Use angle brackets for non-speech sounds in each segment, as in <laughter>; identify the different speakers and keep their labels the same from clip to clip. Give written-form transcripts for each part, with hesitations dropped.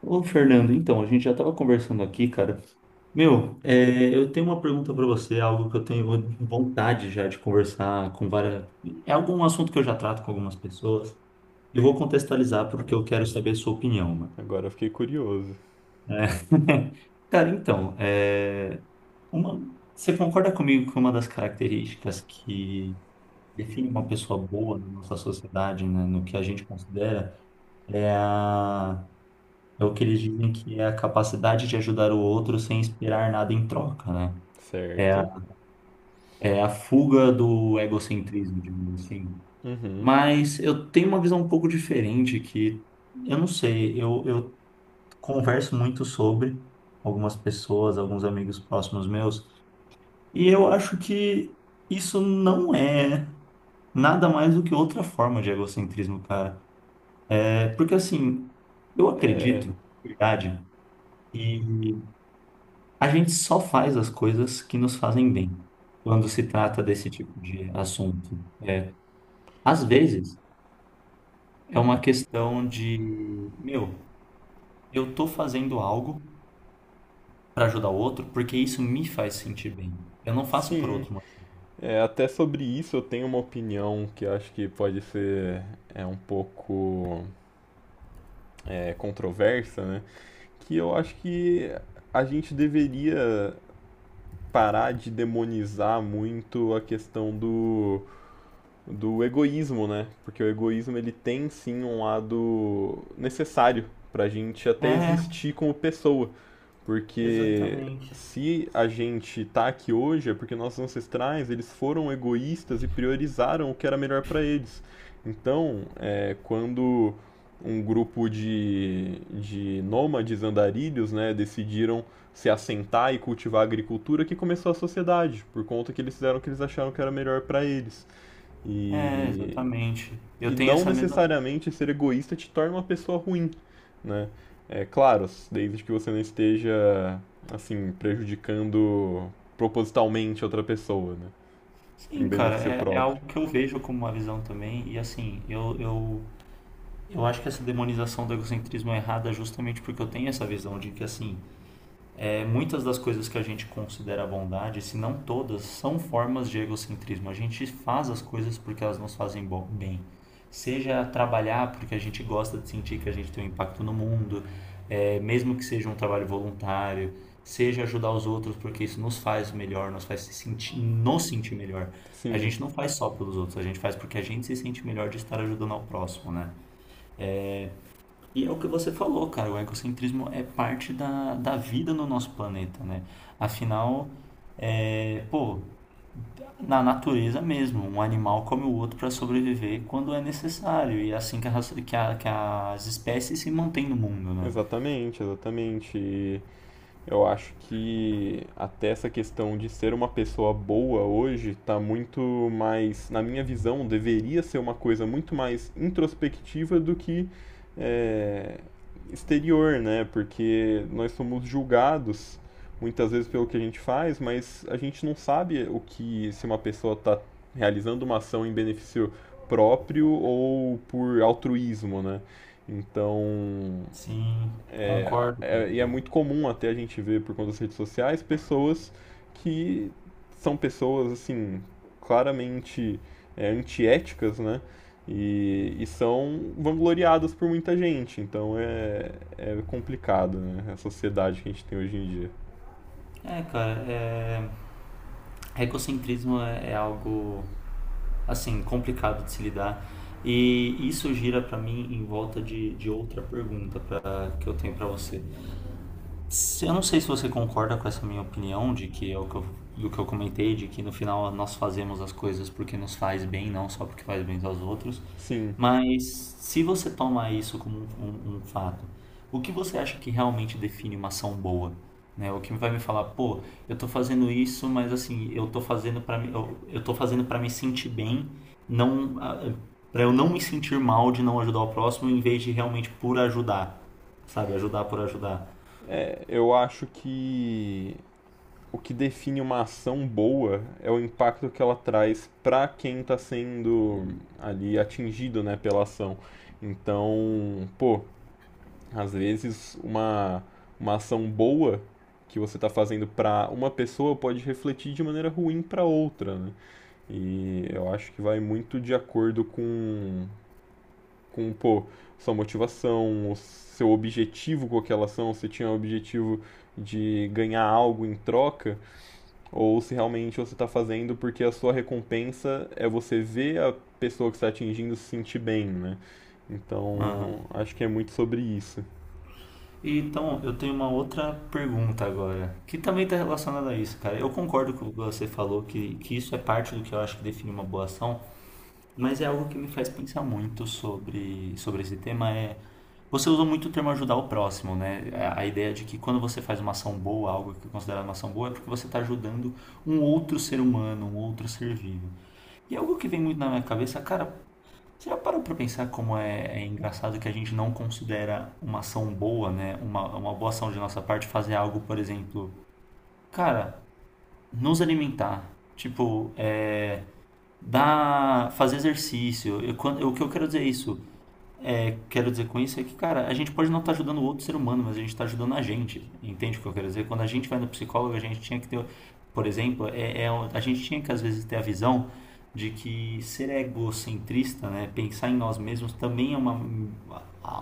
Speaker 1: Ô, Fernando, então, a gente já estava conversando aqui, cara. Meu, eu tenho uma pergunta para você, algo que eu tenho vontade já de conversar com várias. É algum assunto que eu já trato com algumas pessoas. Eu vou contextualizar porque eu quero saber a sua opinião, mano.
Speaker 2: Agora eu fiquei curioso.
Speaker 1: É. <laughs> Cara, então, uma- você concorda comigo que uma das características que define uma pessoa boa na nossa sociedade, né, no que a gente considera, é a é o que eles dizem que é a capacidade de ajudar o outro sem esperar nada em troca, né? É a,
Speaker 2: Certo.
Speaker 1: é a fuga do egocentrismo, digamos assim.
Speaker 2: Uhum.
Speaker 1: Mas eu tenho uma visão um pouco diferente que eu não sei, eu converso muito sobre algumas pessoas, alguns amigos próximos meus, e eu acho que isso não é nada mais do que outra forma de egocentrismo, cara. É porque assim, eu
Speaker 2: É,
Speaker 1: acredito, de verdade, a gente só faz as coisas que nos fazem bem quando se trata desse tipo de assunto. Às vezes é uma questão de, meu, eu tô fazendo algo para ajudar o outro porque isso me faz sentir bem. Eu não faço por
Speaker 2: sim.
Speaker 1: outro motivo.
Speaker 2: Até sobre isso eu tenho uma opinião que eu acho que pode ser um pouco controversa, né? Que eu acho que a gente deveria parar de demonizar muito a questão do egoísmo, né? Porque o egoísmo ele tem sim um lado necessário pra gente até
Speaker 1: É,
Speaker 2: existir como pessoa. Porque
Speaker 1: exatamente.
Speaker 2: se a gente tá aqui hoje é porque nossos ancestrais, eles foram egoístas e priorizaram o que era melhor para eles. Então, quando um grupo de nômades andarilhos, né, decidiram se assentar e cultivar a agricultura que começou a sociedade, por conta que eles fizeram o que eles acharam que era melhor para eles.
Speaker 1: É,
Speaker 2: E
Speaker 1: exatamente. Eu
Speaker 2: e
Speaker 1: tenho
Speaker 2: não
Speaker 1: essa mesma.
Speaker 2: necessariamente ser egoísta te torna uma pessoa ruim, né? É claro, desde que você não esteja assim prejudicando propositalmente outra pessoa, né? Em
Speaker 1: Sim, cara,
Speaker 2: benefício
Speaker 1: é, é
Speaker 2: próprio.
Speaker 1: algo que eu vejo como uma visão também. E assim, eu acho que essa demonização do egocentrismo é errada justamente porque eu tenho essa visão de que assim. É, muitas das coisas que a gente considera bondade, se não todas, são formas de egocentrismo. A gente faz as coisas porque elas nos fazem bem. Seja trabalhar porque a gente gosta de sentir que a gente tem um impacto no mundo, mesmo que seja um trabalho voluntário, seja ajudar os outros porque isso nos faz melhor, nos sentir melhor. A
Speaker 2: Sim,
Speaker 1: gente não faz só pelos outros, a gente faz porque a gente se sente melhor de estar ajudando ao próximo, né? E é o que você falou, cara, o egocentrismo é parte da vida no nosso planeta, né? Afinal, é, pô, na natureza mesmo, um animal come o outro para sobreviver quando é necessário, e é assim que, a raça- que a- que as espécies se mantêm no mundo, né?
Speaker 2: exatamente, exatamente. E eu acho que até essa questão de ser uma pessoa boa hoje está muito mais, na minha visão, deveria ser uma coisa muito mais introspectiva do que é, exterior, né? Porque nós somos julgados muitas vezes pelo que a gente faz, mas a gente não sabe o que se uma pessoa está realizando uma ação em benefício próprio ou por altruísmo, né? Então,
Speaker 1: Sim, concordo,
Speaker 2: e é
Speaker 1: cara.
Speaker 2: muito comum até a gente ver por conta das redes sociais pessoas que são pessoas assim claramente antiéticas, né? E são vangloriadas por muita gente. Então é, é complicado, né? A sociedade que a gente tem hoje em dia.
Speaker 1: É, cara, é, egocentrismo é algo, assim, complicado de se lidar, e isso gira para mim em volta de outra pergunta pra, que eu tenho para você. Eu não sei se você concorda com essa minha opinião de que é o que eu, do que eu comentei, de que no final nós fazemos as coisas porque nos faz bem, não só porque faz bem aos outros.
Speaker 2: Sim,
Speaker 1: Mas se você toma isso como um fato, o que você acha que realmente define uma ação boa? Né? O que vai me falar, pô, eu tô fazendo isso, mas assim, eu tô fazendo para me sentir bem, não para eu não me sentir mal de não ajudar o próximo, em vez de realmente por ajudar, sabe? Ajudar por ajudar.
Speaker 2: é, eu acho que o que define uma ação boa é o impacto que ela traz para quem está sendo ali atingido, né, pela ação. Então, pô, às vezes, uma ação boa que você está fazendo para uma pessoa pode refletir de maneira ruim para outra, né? E eu acho que vai muito de acordo com pô, sua motivação, o seu objetivo com aquela ação, se tinha o objetivo de ganhar algo em troca, ou se realmente você está fazendo porque a sua recompensa é você ver a pessoa que está atingindo se sentir bem, né? Então, acho que é muito sobre isso.
Speaker 1: E então, eu tenho uma outra pergunta agora, que também está relacionada a isso, cara. Eu concordo com o que você falou, que isso é parte do que eu acho que define uma boa ação, mas é algo que me faz pensar muito sobre, sobre esse tema, é... Você usou muito o termo ajudar o próximo, né? A ideia de que quando você faz uma ação boa, algo que é considerado uma ação boa, é porque você está ajudando um outro ser humano, um outro ser vivo. E é algo que vem muito na minha cabeça, cara, você já parou para pensar como é engraçado que a gente não considera uma ação boa, né? Uma boa ação de nossa parte fazer algo, por exemplo, cara, nos alimentar, tipo, dar, fazer exercício. O que eu quero dizer é isso. É, quero dizer com isso é que, cara, a gente pode não estar ajudando o outro ser humano, mas a gente está ajudando a gente. Entende o que eu quero dizer? Quando a gente vai no psicólogo, a gente tinha que ter, por exemplo, a gente tinha que às vezes ter a visão de que ser egocentrista, né, pensar em nós mesmos também é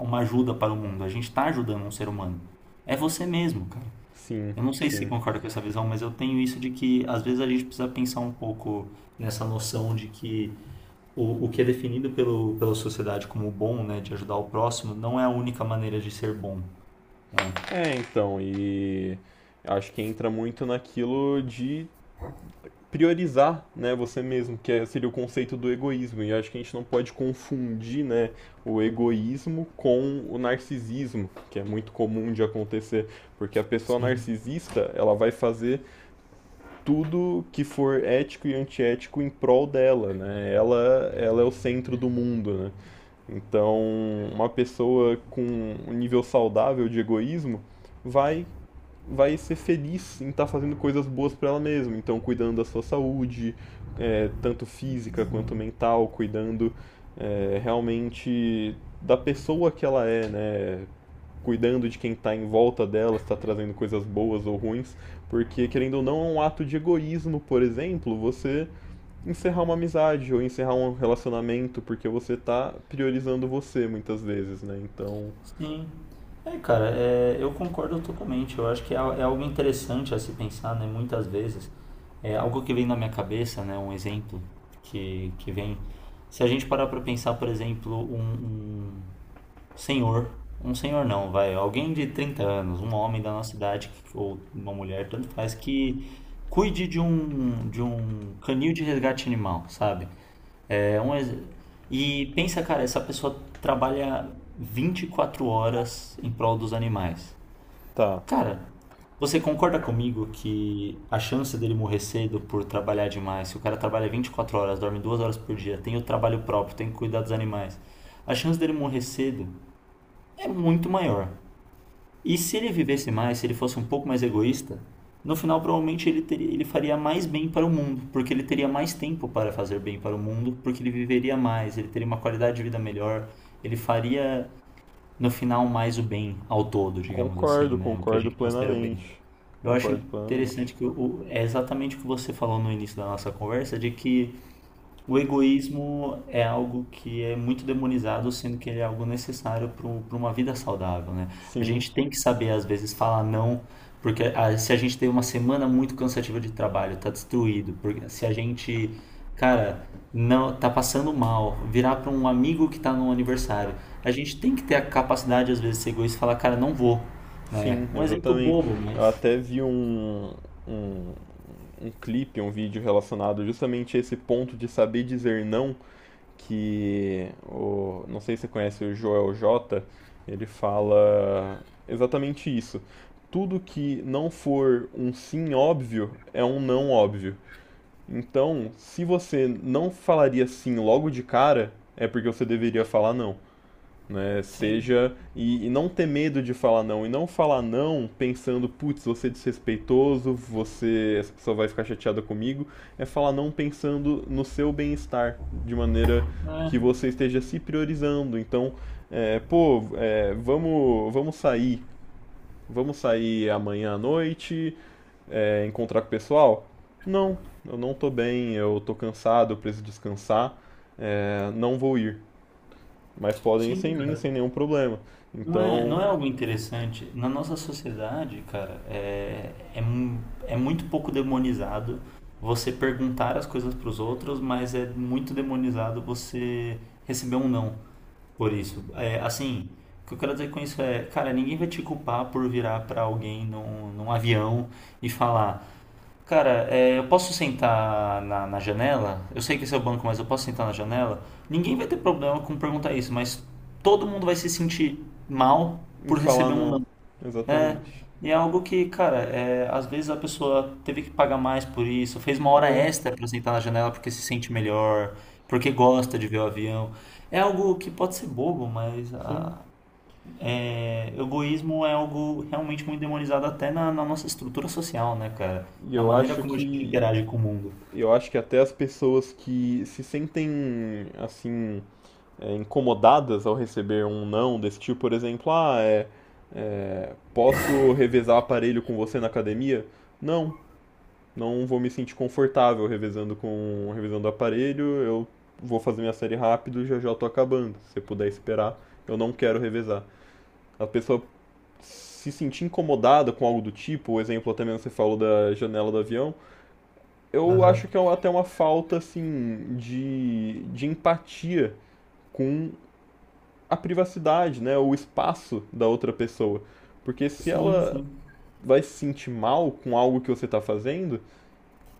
Speaker 1: uma ajuda para o mundo. A gente está ajudando um ser humano. É você mesmo, cara.
Speaker 2: Sim,
Speaker 1: Eu não sei se você
Speaker 2: sim.
Speaker 1: concorda com essa visão, mas eu tenho isso de que às vezes a gente precisa pensar um pouco nessa noção de que o que é definido pelo, pela sociedade como bom, né, de ajudar o próximo, não é a única maneira de ser bom, né?
Speaker 2: É, então, e acho que entra muito naquilo de priorizar, né, você mesmo, que é- seria o conceito do egoísmo. E acho que a gente não pode confundir, né, o egoísmo com o narcisismo, que é muito comum de acontecer, porque a pessoa
Speaker 1: Sim,
Speaker 2: narcisista, ela vai fazer tudo que for ético e antiético em prol dela, né? Ela é o centro do mundo, né? Então, uma pessoa com um nível saudável de egoísmo vai vai ser feliz em estar tá fazendo coisas boas para ela mesma. Então, cuidando da sua saúde, é, tanto física quanto mental, cuidando é, realmente da pessoa que ela é, né? Cuidando de quem está em volta dela, se está trazendo coisas boas ou ruins, porque querendo ou não, é um ato de egoísmo, por exemplo, você encerrar uma amizade ou encerrar um relacionamento porque você está priorizando você muitas vezes, né? Então,
Speaker 1: sim. Eu concordo totalmente. Eu acho que é algo interessante a se pensar, né, muitas vezes. É algo que vem na minha cabeça, né, um exemplo que vem. Se a gente parar para pensar, por exemplo, um senhor, um senhor não, vai, alguém de 30 anos, um homem da nossa idade ou uma mulher, tanto faz, que cuide de um canil de resgate animal, sabe? É um ex- e pensa, cara, essa pessoa trabalha 24 horas em prol dos animais.
Speaker 2: tá,
Speaker 1: Cara, você concorda comigo que a chance dele morrer cedo por trabalhar demais, se o cara trabalha 24 horas, dorme 2 horas por dia, tem o trabalho próprio, tem que cuidar dos animais, a chance dele morrer cedo é muito maior. E se ele vivesse mais, se ele fosse um pouco mais egoísta, no final provavelmente ele faria mais bem para o mundo, porque ele teria mais tempo para fazer bem para o mundo, porque ele viveria mais, ele teria uma qualidade de vida melhor, ele faria no final mais o bem ao todo, digamos assim,
Speaker 2: concordo,
Speaker 1: né? O que a
Speaker 2: concordo
Speaker 1: gente considera o bem.
Speaker 2: plenamente.
Speaker 1: Eu acho
Speaker 2: Concordo plenamente.
Speaker 1: interessante que é exatamente o que você falou no início da nossa conversa, de que o egoísmo é algo que é muito demonizado, sendo que ele é algo necessário para uma vida saudável, né? A
Speaker 2: Sim,
Speaker 1: gente tem que saber, às vezes, falar não, porque ah, se a gente tem uma semana muito cansativa de trabalho, tá destruído, porque se a gente, cara, não tá passando mal, virar para um amigo que tá no aniversário, a gente tem que ter a capacidade, às vezes, de ser egoísta e falar, cara, não vou, né?
Speaker 2: sim,
Speaker 1: Um exemplo
Speaker 2: exatamente.
Speaker 1: bobo, mas
Speaker 2: Eu até vi um, um clipe, um vídeo relacionado justamente a esse ponto de saber dizer não, que o, não sei se você conhece o Joel J, ele fala exatamente isso. Tudo que não for um sim óbvio é um não óbvio. Então, se você não falaria sim logo de cara, é porque você deveria falar não. Né?
Speaker 1: sim,
Speaker 2: Seja e não ter medo de falar não e não falar não pensando, putz, você é desrespeitoso, você essa pessoa vai ficar chateada comigo, é falar não pensando no seu bem-estar, de maneira
Speaker 1: né?
Speaker 2: que você esteja se priorizando. Então, é, pô, é, vamos sair amanhã à noite, é, encontrar com o pessoal? Não, eu não tô bem, eu tô cansado, eu preciso descansar, é, não vou ir mas podem ir
Speaker 1: Sim,
Speaker 2: sem mim, sem
Speaker 1: cara.
Speaker 2: nenhum problema.
Speaker 1: Não é, não é
Speaker 2: Então,
Speaker 1: algo interessante. Na nossa sociedade, cara, é muito pouco demonizado você perguntar as coisas para os outros, mas é muito demonizado você receber um não por isso. É, assim, o que eu quero dizer com isso é, cara, ninguém vai te culpar por virar para alguém num avião e falar, cara, é, eu posso sentar na janela? Eu sei que esse é o banco, mas eu posso sentar na janela? Ninguém vai ter problema com perguntar isso, mas todo mundo vai se sentir mal
Speaker 2: em
Speaker 1: por
Speaker 2: falar
Speaker 1: receber um
Speaker 2: não,
Speaker 1: não. É,
Speaker 2: exatamente.
Speaker 1: e é algo que, cara, é, às vezes a pessoa teve que pagar mais por isso, fez uma hora
Speaker 2: É,
Speaker 1: extra pra sentar na janela porque se sente melhor, porque gosta de ver o avião. É algo que pode ser bobo, mas
Speaker 2: sim.
Speaker 1: a é, egoísmo é algo realmente muito demonizado até na nossa estrutura social, né, cara?
Speaker 2: E
Speaker 1: Na
Speaker 2: eu
Speaker 1: maneira
Speaker 2: acho
Speaker 1: como a gente
Speaker 2: que
Speaker 1: interage com o mundo.
Speaker 2: até as pessoas que se sentem assim é, incomodadas ao receber um não desse tipo, por exemplo, ah, é, posso revezar aparelho com você na academia? Não, não vou me sentir confortável revezando aparelho. Eu vou fazer minha série rápido, já já eu tô acabando. Se você puder esperar, eu não quero revezar. A pessoa se sentir incomodada com algo do tipo, o exemplo até mesmo que você falou da janela do avião, eu
Speaker 1: Aham.
Speaker 2: acho que é até uma falta assim de empatia com a privacidade, né, o espaço da outra pessoa. Porque se
Speaker 1: Sim,
Speaker 2: ela
Speaker 1: sim,
Speaker 2: vai se sentir mal com algo que você está fazendo,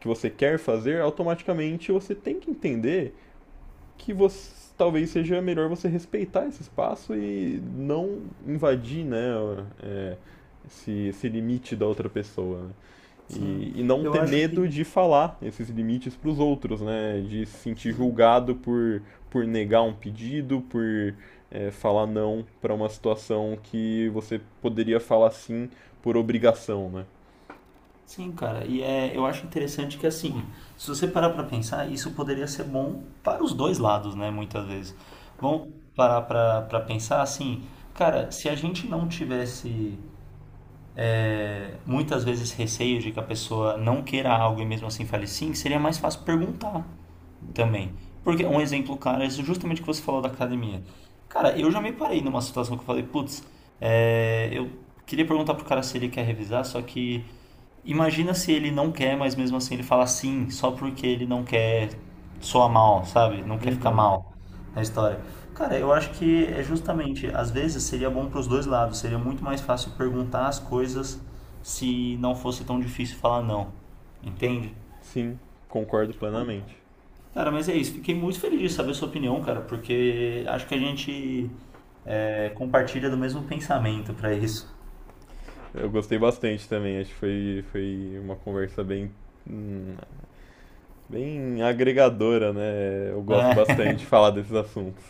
Speaker 2: que você quer fazer, automaticamente você tem que entender que você talvez seja melhor você respeitar esse espaço e não invadir, né, é, esse limite da outra pessoa. Né?
Speaker 1: sim.
Speaker 2: E não
Speaker 1: Eu
Speaker 2: ter
Speaker 1: acho
Speaker 2: medo
Speaker 1: que.
Speaker 2: de falar esses limites para os outros, né? De se sentir
Speaker 1: Sim,
Speaker 2: julgado por negar um pedido, por é, falar não para uma situação que você poderia falar sim por obrigação, né?
Speaker 1: sim, cara. E é, eu acho interessante que, assim, se você parar pra pensar, isso poderia ser bom para os dois lados, né, muitas vezes. Vamos parar pra pensar, assim, cara, se a gente não tivesse muitas vezes receio de que a pessoa não queira algo e mesmo assim fale sim, seria mais fácil perguntar também. Porque um exemplo, cara, é justamente o que você falou da academia. Cara, eu já me parei numa situação que eu falei, putz, eu queria perguntar pro cara se ele quer revisar, só que imagina se ele não quer, mas mesmo assim ele fala sim, só porque ele não quer soar mal, sabe? Não quer ficar
Speaker 2: Uhum,
Speaker 1: mal na história. Cara, eu acho que é justamente, às vezes seria bom para os dois lados, seria muito mais fácil perguntar as coisas se não fosse tão difícil falar não, entende?
Speaker 2: sim, concordo plenamente.
Speaker 1: Cara, mas é isso, fiquei muito feliz de saber a sua opinião, cara, porque acho que a gente compartilha do mesmo pensamento para isso,
Speaker 2: Eu gostei bastante também, acho que foi, foi uma conversa bem, hum, bem agregadora, né? Eu gosto
Speaker 1: né?
Speaker 2: bastante de falar desses assuntos.